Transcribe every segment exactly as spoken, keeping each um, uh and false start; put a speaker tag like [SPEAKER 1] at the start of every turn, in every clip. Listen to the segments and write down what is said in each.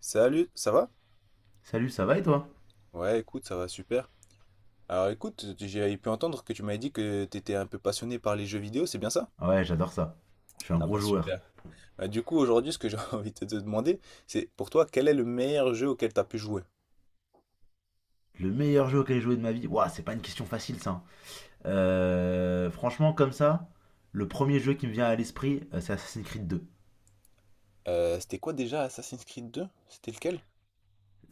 [SPEAKER 1] Salut, ça va?
[SPEAKER 2] Salut, ça va et toi?
[SPEAKER 1] Ouais, écoute, ça va super. Alors écoute, j'ai pu entendre que tu m'avais dit que t'étais un peu passionné par les jeux vidéo, c'est bien ça?
[SPEAKER 2] Ah ouais, j'adore ça. Je suis un
[SPEAKER 1] Ah
[SPEAKER 2] gros
[SPEAKER 1] bah
[SPEAKER 2] joueur.
[SPEAKER 1] super. Bah, du coup, aujourd'hui, ce que j'ai envie de te demander, c'est pour toi, quel est le meilleur jeu auquel t'as pu jouer?
[SPEAKER 2] Le meilleur jeu auquel j'ai joué de ma vie. Ouah, c'est pas une question facile ça, hein. Euh, franchement, comme ça, le premier jeu qui me vient à l'esprit, euh, c'est Assassin's Creed deux.
[SPEAKER 1] Euh, c'était quoi déjà Assassin's Creed deux? C'était lequel?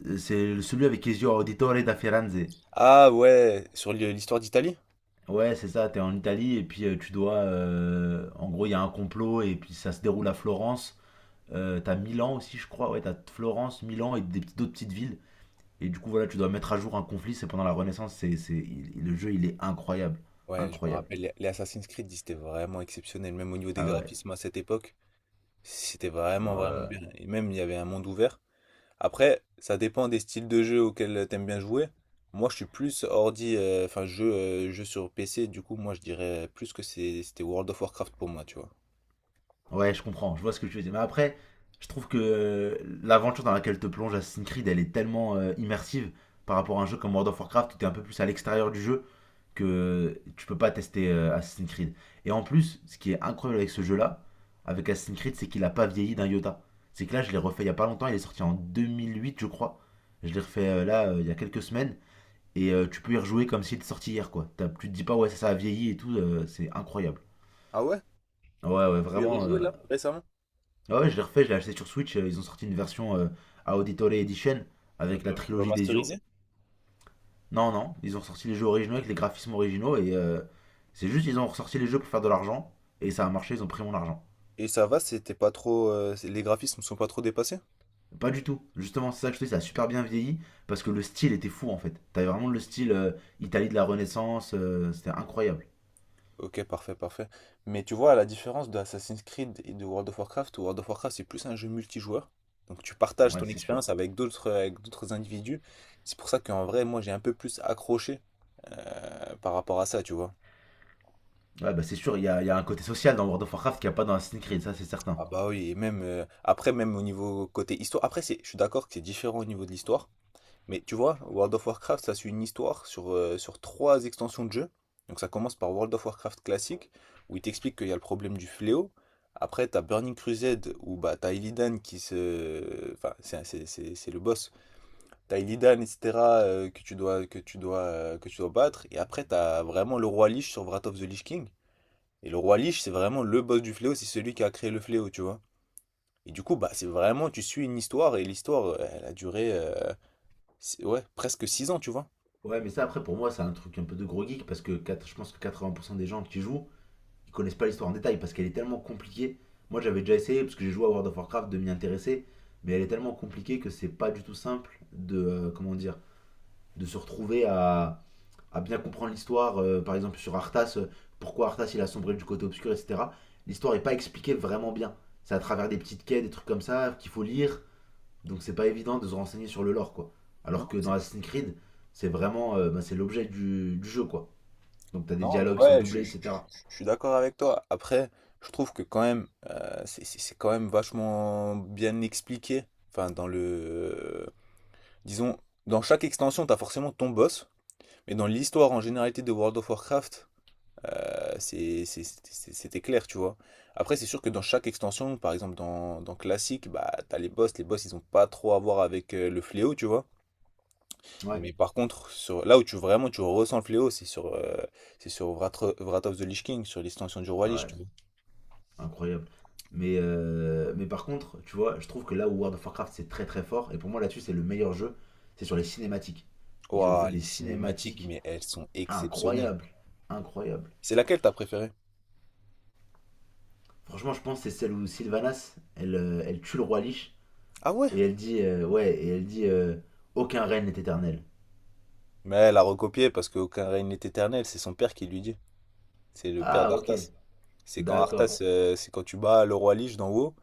[SPEAKER 2] Euh, C'est celui avec Ezio Auditore da Firenze.
[SPEAKER 1] Ah ouais, sur l'hi- l'histoire d'Italie?
[SPEAKER 2] Ouais, c'est ça, t'es en Italie et puis euh, tu dois. Euh, en gros, il y a un complot et puis ça se déroule à Florence. Euh, t'as Milan aussi, je crois. Ouais, t'as Florence, Milan et des petites- d'autres petites villes. Et du coup, voilà, tu dois mettre à jour un conflit. C'est pendant la Renaissance. C'est, c'est- il- le jeu, il est incroyable.
[SPEAKER 1] Ouais, je me
[SPEAKER 2] Incroyable.
[SPEAKER 1] rappelle, les les Assassin's Creed, ils étaient vraiment exceptionnels, même au niveau des
[SPEAKER 2] Ah ouais.
[SPEAKER 1] graphismes à cette époque. C'était vraiment, vraiment
[SPEAKER 2] Euh,
[SPEAKER 1] bien. Et même, il y avait un monde ouvert. Après, ça dépend des styles de jeu auxquels t'aimes bien jouer. Moi, je suis plus ordi, euh, enfin, jeu, euh, jeu sur P C. Du coup, moi, je dirais plus que c'est- c'était World of Warcraft pour moi, tu vois.
[SPEAKER 2] Ouais, je comprends, je vois ce que tu veux dire. Mais après, je trouve que euh, l'aventure dans laquelle te plonge Assassin's Creed, elle est tellement euh, immersive par rapport à un jeu comme World of Warcraft où t'es un peu plus à l'extérieur du jeu que euh, tu peux pas tester euh, Assassin's Creed. Et en plus, ce qui est incroyable avec ce jeu-là, avec Assassin's Creed, c'est qu'il a pas vieilli d'un iota. C'est que là, je l'ai refait il y a pas longtemps, il est sorti en deux mille huit, je crois. Je l'ai refait euh, là, euh, il y a quelques semaines. Et euh, tu peux y rejouer comme s'il était sorti hier, quoi. T'as- tu te dis pas, ouais, ça, ça a vieilli et tout, euh, c'est incroyable.
[SPEAKER 1] Ah ouais?
[SPEAKER 2] Ouais, ouais,
[SPEAKER 1] Tu y as
[SPEAKER 2] vraiment.
[SPEAKER 1] rejoué
[SPEAKER 2] euh,
[SPEAKER 1] là, récemment?
[SPEAKER 2] Ah ouais, je l'ai refait, je l'ai acheté sur Switch. euh, Ils ont sorti une version euh, à Auditore Edition
[SPEAKER 1] Euh,
[SPEAKER 2] avec la trilogie des yeux.
[SPEAKER 1] Remasterisé?
[SPEAKER 2] Non, non, ils ont sorti les jeux originaux avec les graphismes originaux et euh, c'est juste ils ont ressorti les jeux pour faire de l'argent et ça a marché, ils ont pris mon argent.
[SPEAKER 1] Et ça va, c'était pas trop, euh, c'est- les graphismes sont pas trop dépassés?
[SPEAKER 2] Pas du tout. Justement, c'est ça que je te dis, ça a super bien vieilli parce que le style était fou en fait. T'avais vraiment le style euh, Italie de la Renaissance, euh, c'était incroyable.
[SPEAKER 1] Ok, parfait, parfait. Mais tu vois, à la différence de Assassin's Creed et de World of Warcraft, World of Warcraft c'est plus un jeu multijoueur. Donc tu partages
[SPEAKER 2] Ouais,
[SPEAKER 1] ton
[SPEAKER 2] c'est sûr.
[SPEAKER 1] expérience avec d'autres avec d'autres individus. C'est pour ça qu'en vrai, moi j'ai un peu plus accroché euh, par rapport à ça, tu vois.
[SPEAKER 2] Ouais, bah c'est sûr, il y a, il y a un côté social dans World of Warcraft qu'il n'y a pas dans Assassin's Creed, ça c'est certain.
[SPEAKER 1] Ah bah oui, et même euh, après, même au niveau côté histoire. Après, c'est, je suis d'accord que c'est différent au niveau de l'histoire. Mais tu vois, World of Warcraft, ça suit une histoire sur, euh, sur trois extensions de jeu. Donc ça commence par World of Warcraft classique, où il t'explique qu'il y a le problème du fléau. Après, t'as Burning Crusade, où bah, t'as Illidan qui se. Enfin, c'est c'est- c'est- c'est le boss. T'as Illidan, et cetera, euh, que tu dois, que tu dois, euh, que tu dois battre. Et après, t'as vraiment le roi Lich sur Wrath of the Lich King. Et le roi Lich, c'est vraiment le boss du fléau, c'est celui qui a créé le fléau, tu vois. Et du coup, bah, c'est vraiment, tu suis une histoire, et l'histoire, euh, elle a duré, euh, six- ouais, presque six ans, tu vois.
[SPEAKER 2] Ouais, mais ça après pour moi c'est un truc un peu de gros geek parce que quatre- je pense que quatre-vingts pour cent des gens qui jouent ils connaissent pas l'histoire en détail parce qu'elle est tellement compliquée. Moi, j'avais déjà essayé parce que j'ai joué à World of Warcraft de m'y intéresser, mais elle est tellement compliquée que c'est pas du tout simple de euh, comment dire, de se retrouver à, à bien comprendre l'histoire. euh, par exemple, sur Arthas, euh, pourquoi Arthas il a sombré du côté obscur, et cetera. L'histoire est pas expliquée vraiment bien. C'est à travers des petites quêtes, des trucs comme ça qu'il faut lire. Donc c'est pas évident de se renseigner sur le lore quoi. Alors
[SPEAKER 1] Non,
[SPEAKER 2] que dans
[SPEAKER 1] c'est-
[SPEAKER 2] Assassin's Creed, c'est vraiment euh, bah, c'est l'objet du, du jeu quoi. Donc t'as des
[SPEAKER 1] non,
[SPEAKER 2] dialogues qui sont
[SPEAKER 1] ouais, je,
[SPEAKER 2] doublés,
[SPEAKER 1] je- je-
[SPEAKER 2] et cetera.
[SPEAKER 1] je suis d'accord avec toi. Après, je trouve que quand même, euh, c'est c'est- c'est quand même vachement bien expliqué. Enfin, dans le, disons, dans chaque extension, t'as forcément ton boss. Mais dans l'histoire en généralité de World of Warcraft, euh, c'est- c'est- c'est- c'était clair, tu vois. Après, c'est sûr que dans chaque extension, par exemple dans, dans Classic, bah, t'as les boss. Les boss, ils ont pas trop à voir avec euh, le fléau, tu vois.
[SPEAKER 2] Ouais,
[SPEAKER 1] Mais par contre, sur, là où tu vraiment tu ressens le fléau, c'est sur, euh, c'est sur Wrath, Wrath of the Lich King, sur l'extension du Roi Lich, tu
[SPEAKER 2] ouais.
[SPEAKER 1] vois.
[SPEAKER 2] Incroyable. Mais, euh, mais par contre, tu vois, je trouve que là où World of Warcraft c'est très très fort, et pour moi là-dessus c'est le meilleur jeu, c'est sur les cinématiques. Ils ont fait
[SPEAKER 1] Ouah,
[SPEAKER 2] des
[SPEAKER 1] les cinématiques,
[SPEAKER 2] cinématiques
[SPEAKER 1] mais elles sont exceptionnelles.
[SPEAKER 2] incroyables, incroyables.
[SPEAKER 1] C'est laquelle t'as préférée?
[SPEAKER 2] Franchement, je pense que c'est celle où Sylvanas, elle, euh, elle tue le roi Lich,
[SPEAKER 1] Ah ouais?
[SPEAKER 2] et elle dit, euh, ouais, et elle dit, euh, aucun règne n'est éternel.
[SPEAKER 1] Mais elle a recopié parce qu'aucun règne n'est éternel, c'est son père qui lui dit. C'est le père
[SPEAKER 2] Ah, ok,
[SPEAKER 1] d'Arthas. C'est quand
[SPEAKER 2] d'accord,
[SPEAKER 1] Arthas, euh, c'est quand tu bats le Roi Lich d'en haut,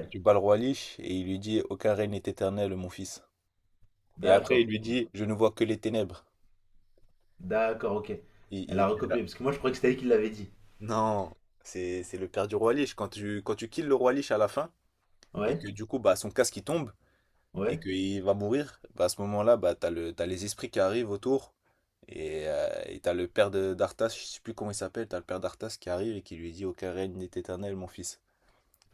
[SPEAKER 1] quand tu bats le Roi Lich, et il lui dit, aucun règne n'est éternel, mon fils. Et après, il
[SPEAKER 2] d'accord,
[SPEAKER 1] lui dit, je ne vois que les ténèbres.
[SPEAKER 2] d'accord, ok.
[SPEAKER 1] Il,
[SPEAKER 2] Elle a
[SPEAKER 1] il- elle
[SPEAKER 2] recopié,
[SPEAKER 1] a-
[SPEAKER 2] parce que moi je croyais que c'était elle qui l'avait dit.
[SPEAKER 1] Non, c'est c'est le père du Roi Lich. Quand tu, quand tu kills le Roi Lich à la fin, et
[SPEAKER 2] Ouais,
[SPEAKER 1] que du coup, bah, son casque il tombe et
[SPEAKER 2] ouais.
[SPEAKER 1] qu'il va mourir, bah, à ce moment-là, bah, t'as le, t'as les esprits qui arrivent autour et euh, et t'as le père de- d'Arthas, je sais plus comment il s'appelle, t'as le père d'Arthas qui arrive et qui lui dit, aucun règne n'est éternel, mon fils.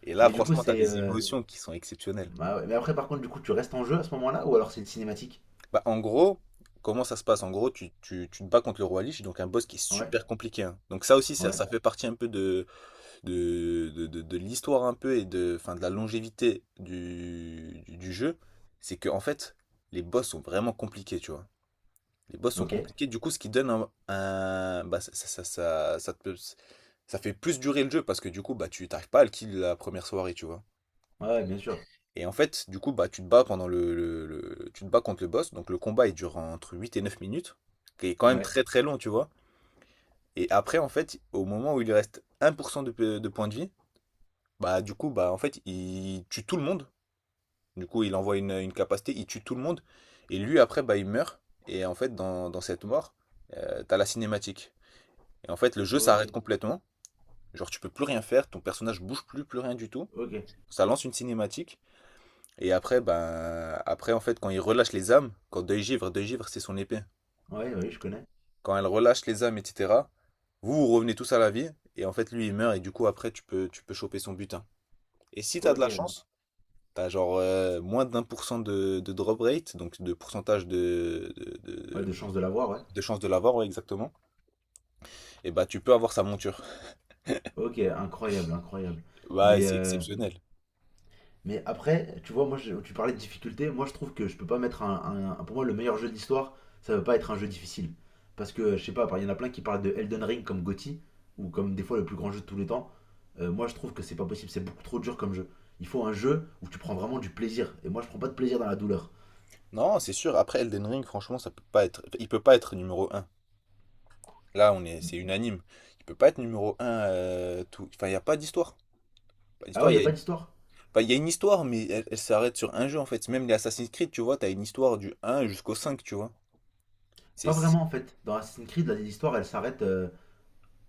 [SPEAKER 1] Et là,
[SPEAKER 2] Mais du coup,
[SPEAKER 1] franchement, t'as
[SPEAKER 2] c'est
[SPEAKER 1] des
[SPEAKER 2] euh,
[SPEAKER 1] émotions qui sont exceptionnelles.
[SPEAKER 2] Bah ouais. Mais après, par contre, du coup, tu restes en jeu à ce moment-là ou alors c'est une cinématique?
[SPEAKER 1] Bah, en gros, comment ça se passe? En gros, tu, tu, tu te bats contre le roi Lich, donc un boss qui est
[SPEAKER 2] Ouais,
[SPEAKER 1] super compliqué, hein. Donc ça aussi, ça,
[SPEAKER 2] ouais,
[SPEAKER 1] ça fait partie un peu de, de, de, de- de l'histoire un peu et de, enfin, de la longévité du, du, du jeu, c'est que en fait, les boss sont vraiment compliqués, tu vois. Les boss sont
[SPEAKER 2] ok. Ouais,
[SPEAKER 1] compliqués, du coup, ce qui donne un, un- bah, ça, ça, ça, ça, ça te- ça fait plus durer le jeu parce que du coup, bah, tu t'arrives pas à le kill la première soirée, tu vois.
[SPEAKER 2] ouais, bien sûr.
[SPEAKER 1] Et en fait, du coup, bah, tu te bats pendant le, le- le- tu te bats contre le boss, donc le combat il dure entre huit et neuf minutes, qui est quand même
[SPEAKER 2] Ouais,
[SPEAKER 1] très très long, tu vois. Et après, en fait, au moment où il lui reste un pour cent de, de points de vie, bah, du coup, bah, en fait, il tue tout le monde. Du coup, il envoie une, une capacité, il tue tout le monde. Et lui, après, bah, il meurt. Et en fait, dans, dans cette mort, euh, t'as la cinématique. Et en fait, le jeu
[SPEAKER 2] ok,
[SPEAKER 1] s'arrête complètement. Genre, tu peux plus rien faire, ton personnage bouge plus, plus rien du tout.
[SPEAKER 2] ok.
[SPEAKER 1] Ça lance une cinématique. Et après, ben, après, en fait, quand il relâche les âmes, quand Deuil Givre, Deuil Givre, c'est son épée.
[SPEAKER 2] Ouais, oui, je connais.
[SPEAKER 1] Quand elle relâche les âmes, et cetera, vous, vous revenez tous à la vie. Et en fait, lui, il meurt. Et du coup, après, tu peux, tu peux choper son butin. Et si t'as de
[SPEAKER 2] Ok,
[SPEAKER 1] la chance, t'as genre euh, moins d'un pour cent de, de drop rate, donc de pourcentage de, de,
[SPEAKER 2] ouais,
[SPEAKER 1] de,
[SPEAKER 2] de chance de l'avoir, ouais.
[SPEAKER 1] de chance de l'avoir, ouais, exactement. Et bah tu peux avoir sa monture.
[SPEAKER 2] Ok, incroyable, incroyable.
[SPEAKER 1] Ouais,
[SPEAKER 2] Mais,
[SPEAKER 1] c'est
[SPEAKER 2] euh,
[SPEAKER 1] exceptionnel.
[SPEAKER 2] Mais après, tu vois, moi, je- tu parlais de difficulté. Moi, je trouve que je peux pas mettre un, un- un- Pour moi, le meilleur jeu de l'histoire, ça veut pas être un jeu difficile. Parce que, je sais pas, il y en a plein qui parlent de Elden Ring comme G O T Y, ou comme des fois le plus grand jeu de tous les temps. Euh, moi, je trouve que c'est pas possible. C'est beaucoup trop dur comme jeu. Il faut un jeu où tu prends vraiment du plaisir. Et moi, je prends pas de plaisir dans la douleur.
[SPEAKER 1] Non, c'est sûr, après Elden Ring, franchement, ça peut pas être. Il peut pas être numéro un. Là, on est, c'est unanime. Il peut pas être numéro un. Euh, tout. Enfin, il n'y a pas d'histoire. Pas
[SPEAKER 2] Ah
[SPEAKER 1] d'histoire,
[SPEAKER 2] ouais, y a
[SPEAKER 1] il y a
[SPEAKER 2] pas d'histoire?
[SPEAKER 1] enfin, il y a une histoire, mais elle, elle s'arrête sur un jeu en fait. Même les Assassin's Creed, tu vois, t'as une histoire du un jusqu'au cinq, tu vois. C'est,
[SPEAKER 2] Pas
[SPEAKER 1] c'est-
[SPEAKER 2] vraiment, en fait. Dans Assassin's Creed, là, l'histoire, elle s'arrête, euh,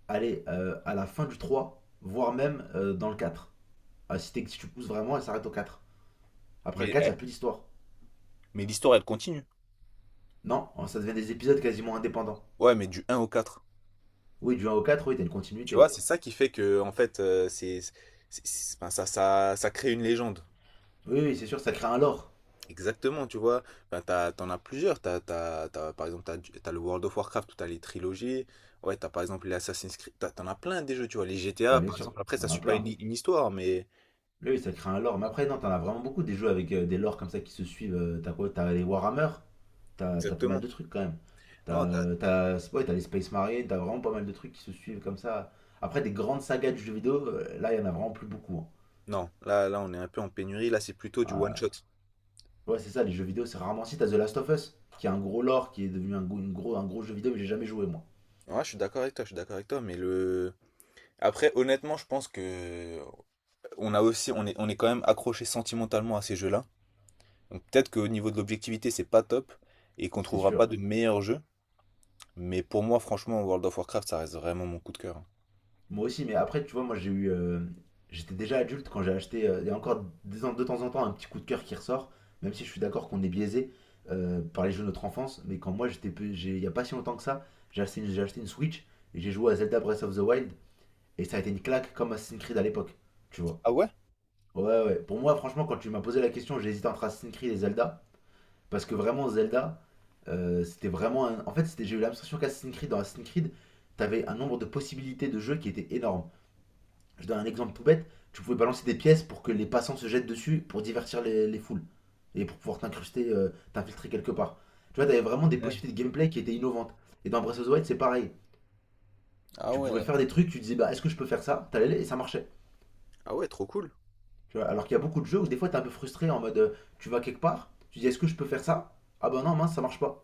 [SPEAKER 2] allez, euh, à la fin du trois, voire même euh, dans le quatre. Ah, si, t'es- si tu pousses vraiment, elle s'arrête au quatre. Après le
[SPEAKER 1] mais,
[SPEAKER 2] quatre, y a
[SPEAKER 1] elle-
[SPEAKER 2] plus d'histoire.
[SPEAKER 1] mais l'histoire, elle continue.
[SPEAKER 2] Non, oh, ça devient des épisodes quasiment indépendants.
[SPEAKER 1] Ouais, mais du un au quatre.
[SPEAKER 2] Oui, du un au quatre, oui, t'as une
[SPEAKER 1] Tu
[SPEAKER 2] continuité,
[SPEAKER 1] vois,
[SPEAKER 2] ouais.
[SPEAKER 1] c'est ça qui fait que, en fait, euh, c'est, c'est- c'est- enfin, ça, ça, ça crée une légende.
[SPEAKER 2] Oui, oui, c'est sûr, ça crée un lore.
[SPEAKER 1] Exactement, tu vois. Enfin, t'as, t'en as plusieurs. T'as, t'as, t'as- par exemple, t'as, du- t'as le World of Warcraft où t'as les trilogies. Ouais, t'as par exemple les Assassin's Creed. T'as- T'en as plein des jeux, tu vois. Les
[SPEAKER 2] Bah,
[SPEAKER 1] G T A,
[SPEAKER 2] bien
[SPEAKER 1] par
[SPEAKER 2] sûr,
[SPEAKER 1] exemple, après, ça
[SPEAKER 2] t'en as
[SPEAKER 1] suit pas une,
[SPEAKER 2] plein.
[SPEAKER 1] une histoire, mais.
[SPEAKER 2] Oui, oui, ça crée un lore. Mais après, non, t'en as vraiment beaucoup des jeux avec euh, des lores comme ça qui se suivent. euh, T'as quoi? T'as les Warhammer, t'as t'as pas mal de
[SPEAKER 1] Exactement.
[SPEAKER 2] trucs quand même.
[SPEAKER 1] Non,
[SPEAKER 2] T'as euh, t'as- ouais, t'as les Space Marines. T'as vraiment pas mal de trucs qui se suivent comme ça. Après, des grandes sagas de jeux vidéo, euh, là, il y en a vraiment plus beaucoup, hein.
[SPEAKER 1] non, là, là, on est un peu en pénurie. Là, c'est plutôt du one shot.
[SPEAKER 2] Euh, ouais, c'est ça, les jeux vidéo, c'est rarement si. T'as The Last of Us, qui a un gros lore, qui est devenu un, go- une gros, un gros jeu vidéo, mais j'ai jamais joué, moi.
[SPEAKER 1] Ouais, je suis d'accord avec toi, je suis d'accord avec toi, mais le. Après, honnêtement, je pense que on a aussi, on est, on est quand même accroché sentimentalement à ces jeux-là. Donc peut-être qu'au niveau de l'objectivité, c'est pas top et qu'on
[SPEAKER 2] C'est
[SPEAKER 1] trouvera pas
[SPEAKER 2] sûr.
[SPEAKER 1] de meilleurs jeux. Mais pour moi, franchement, World of Warcraft, ça reste vraiment mon coup de cœur, hein.
[SPEAKER 2] Moi aussi, mais après, tu vois, moi j'ai eu. Euh, J'étais déjà adulte quand j'ai acheté. euh, Il y a encore de temps de temps en temps un petit coup de cœur qui ressort, même si je suis d'accord qu'on est biaisé euh, par les jeux de notre enfance. Mais quand moi j'étais. Pe- j'ai- Il n'y a pas si longtemps que ça, j'ai acheté, une- j'ai acheté une Switch et j'ai joué à Zelda Breath of the Wild et ça a été une claque comme Assassin's Creed à l'époque, tu vois.
[SPEAKER 1] Ah ouais?
[SPEAKER 2] Ouais, ouais. Pour moi, franchement, quand tu m'as posé la question, j'ai hésité entre Assassin's Creed et Zelda parce que vraiment, Zelda, euh, c'était vraiment. un- En fait, c'était- j'ai eu l'impression qu'Assassin's Creed, dans Assassin's Creed, t'avais un nombre de possibilités de jeux qui était énorme. Je donne un exemple tout bête. Tu pouvais balancer des pièces pour que les passants se jettent dessus pour divertir les, les foules et pour pouvoir t'incruster, euh, t'infiltrer quelque part. Tu vois, t'avais vraiment des
[SPEAKER 1] Ouais.
[SPEAKER 2] possibilités de gameplay qui étaient innovantes. Et dans Breath of the Wild, c'est pareil.
[SPEAKER 1] Ah
[SPEAKER 2] Tu pouvais
[SPEAKER 1] ouais.
[SPEAKER 2] faire des trucs, tu disais, bah, est-ce que je peux faire ça? T'allais et ça marchait.
[SPEAKER 1] Ah ouais, trop cool.
[SPEAKER 2] Tu vois, alors qu'il y a beaucoup de jeux où des fois t'es un peu frustré en mode, euh, tu vas quelque part, tu dis, est-ce que je peux faire ça? Ah bah non, mince, ça marche pas.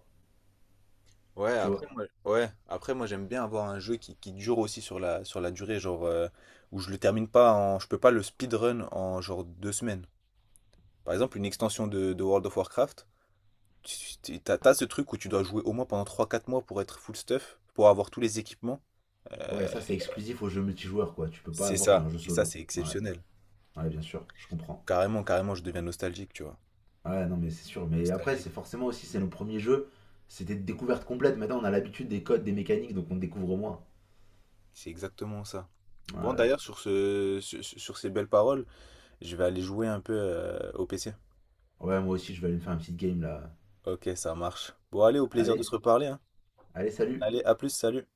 [SPEAKER 1] Ouais,
[SPEAKER 2] Tu
[SPEAKER 1] après
[SPEAKER 2] vois.
[SPEAKER 1] moi, ouais, après moi j'aime bien avoir un jeu qui, qui dure aussi sur la, sur la durée, genre euh, où je le termine pas en, je peux pas le speedrun en genre deux semaines. Par exemple, une extension de, de World of Warcraft, tu- tu- t'as, t'as ce truc où tu dois jouer au moins pendant trois quatre mois pour être full stuff, pour avoir tous les équipements.
[SPEAKER 2] Ouais,
[SPEAKER 1] Euh,
[SPEAKER 2] ça c'est exclusif aux jeux multijoueurs, quoi. Tu peux pas
[SPEAKER 1] c'est
[SPEAKER 2] avoir sur
[SPEAKER 1] ça,
[SPEAKER 2] un jeu
[SPEAKER 1] et ça
[SPEAKER 2] solo.
[SPEAKER 1] c'est
[SPEAKER 2] Ouais,
[SPEAKER 1] exceptionnel.
[SPEAKER 2] ouais, bien sûr, je comprends.
[SPEAKER 1] Carrément, carrément, je deviens nostalgique, tu vois.
[SPEAKER 2] Ouais, non, mais c'est sûr. Mais après, c'est
[SPEAKER 1] Nostalgique.
[SPEAKER 2] forcément aussi, c'est nos premiers jeux. C'était de découverte complète. Maintenant, on a l'habitude des codes, des mécaniques, donc on découvre moins.
[SPEAKER 1] C'est exactement ça.
[SPEAKER 2] Ouais,
[SPEAKER 1] Bon,
[SPEAKER 2] ouais.
[SPEAKER 1] d'ailleurs, sur ce, sur, sur ces belles paroles, je vais aller jouer un peu euh, au P C.
[SPEAKER 2] Ouais, moi aussi, je vais aller me faire une petite game là.
[SPEAKER 1] Ok, ça marche. Bon, allez, au plaisir de
[SPEAKER 2] Allez,
[SPEAKER 1] se reparler, hein.
[SPEAKER 2] allez, salut!
[SPEAKER 1] Allez, à plus, salut.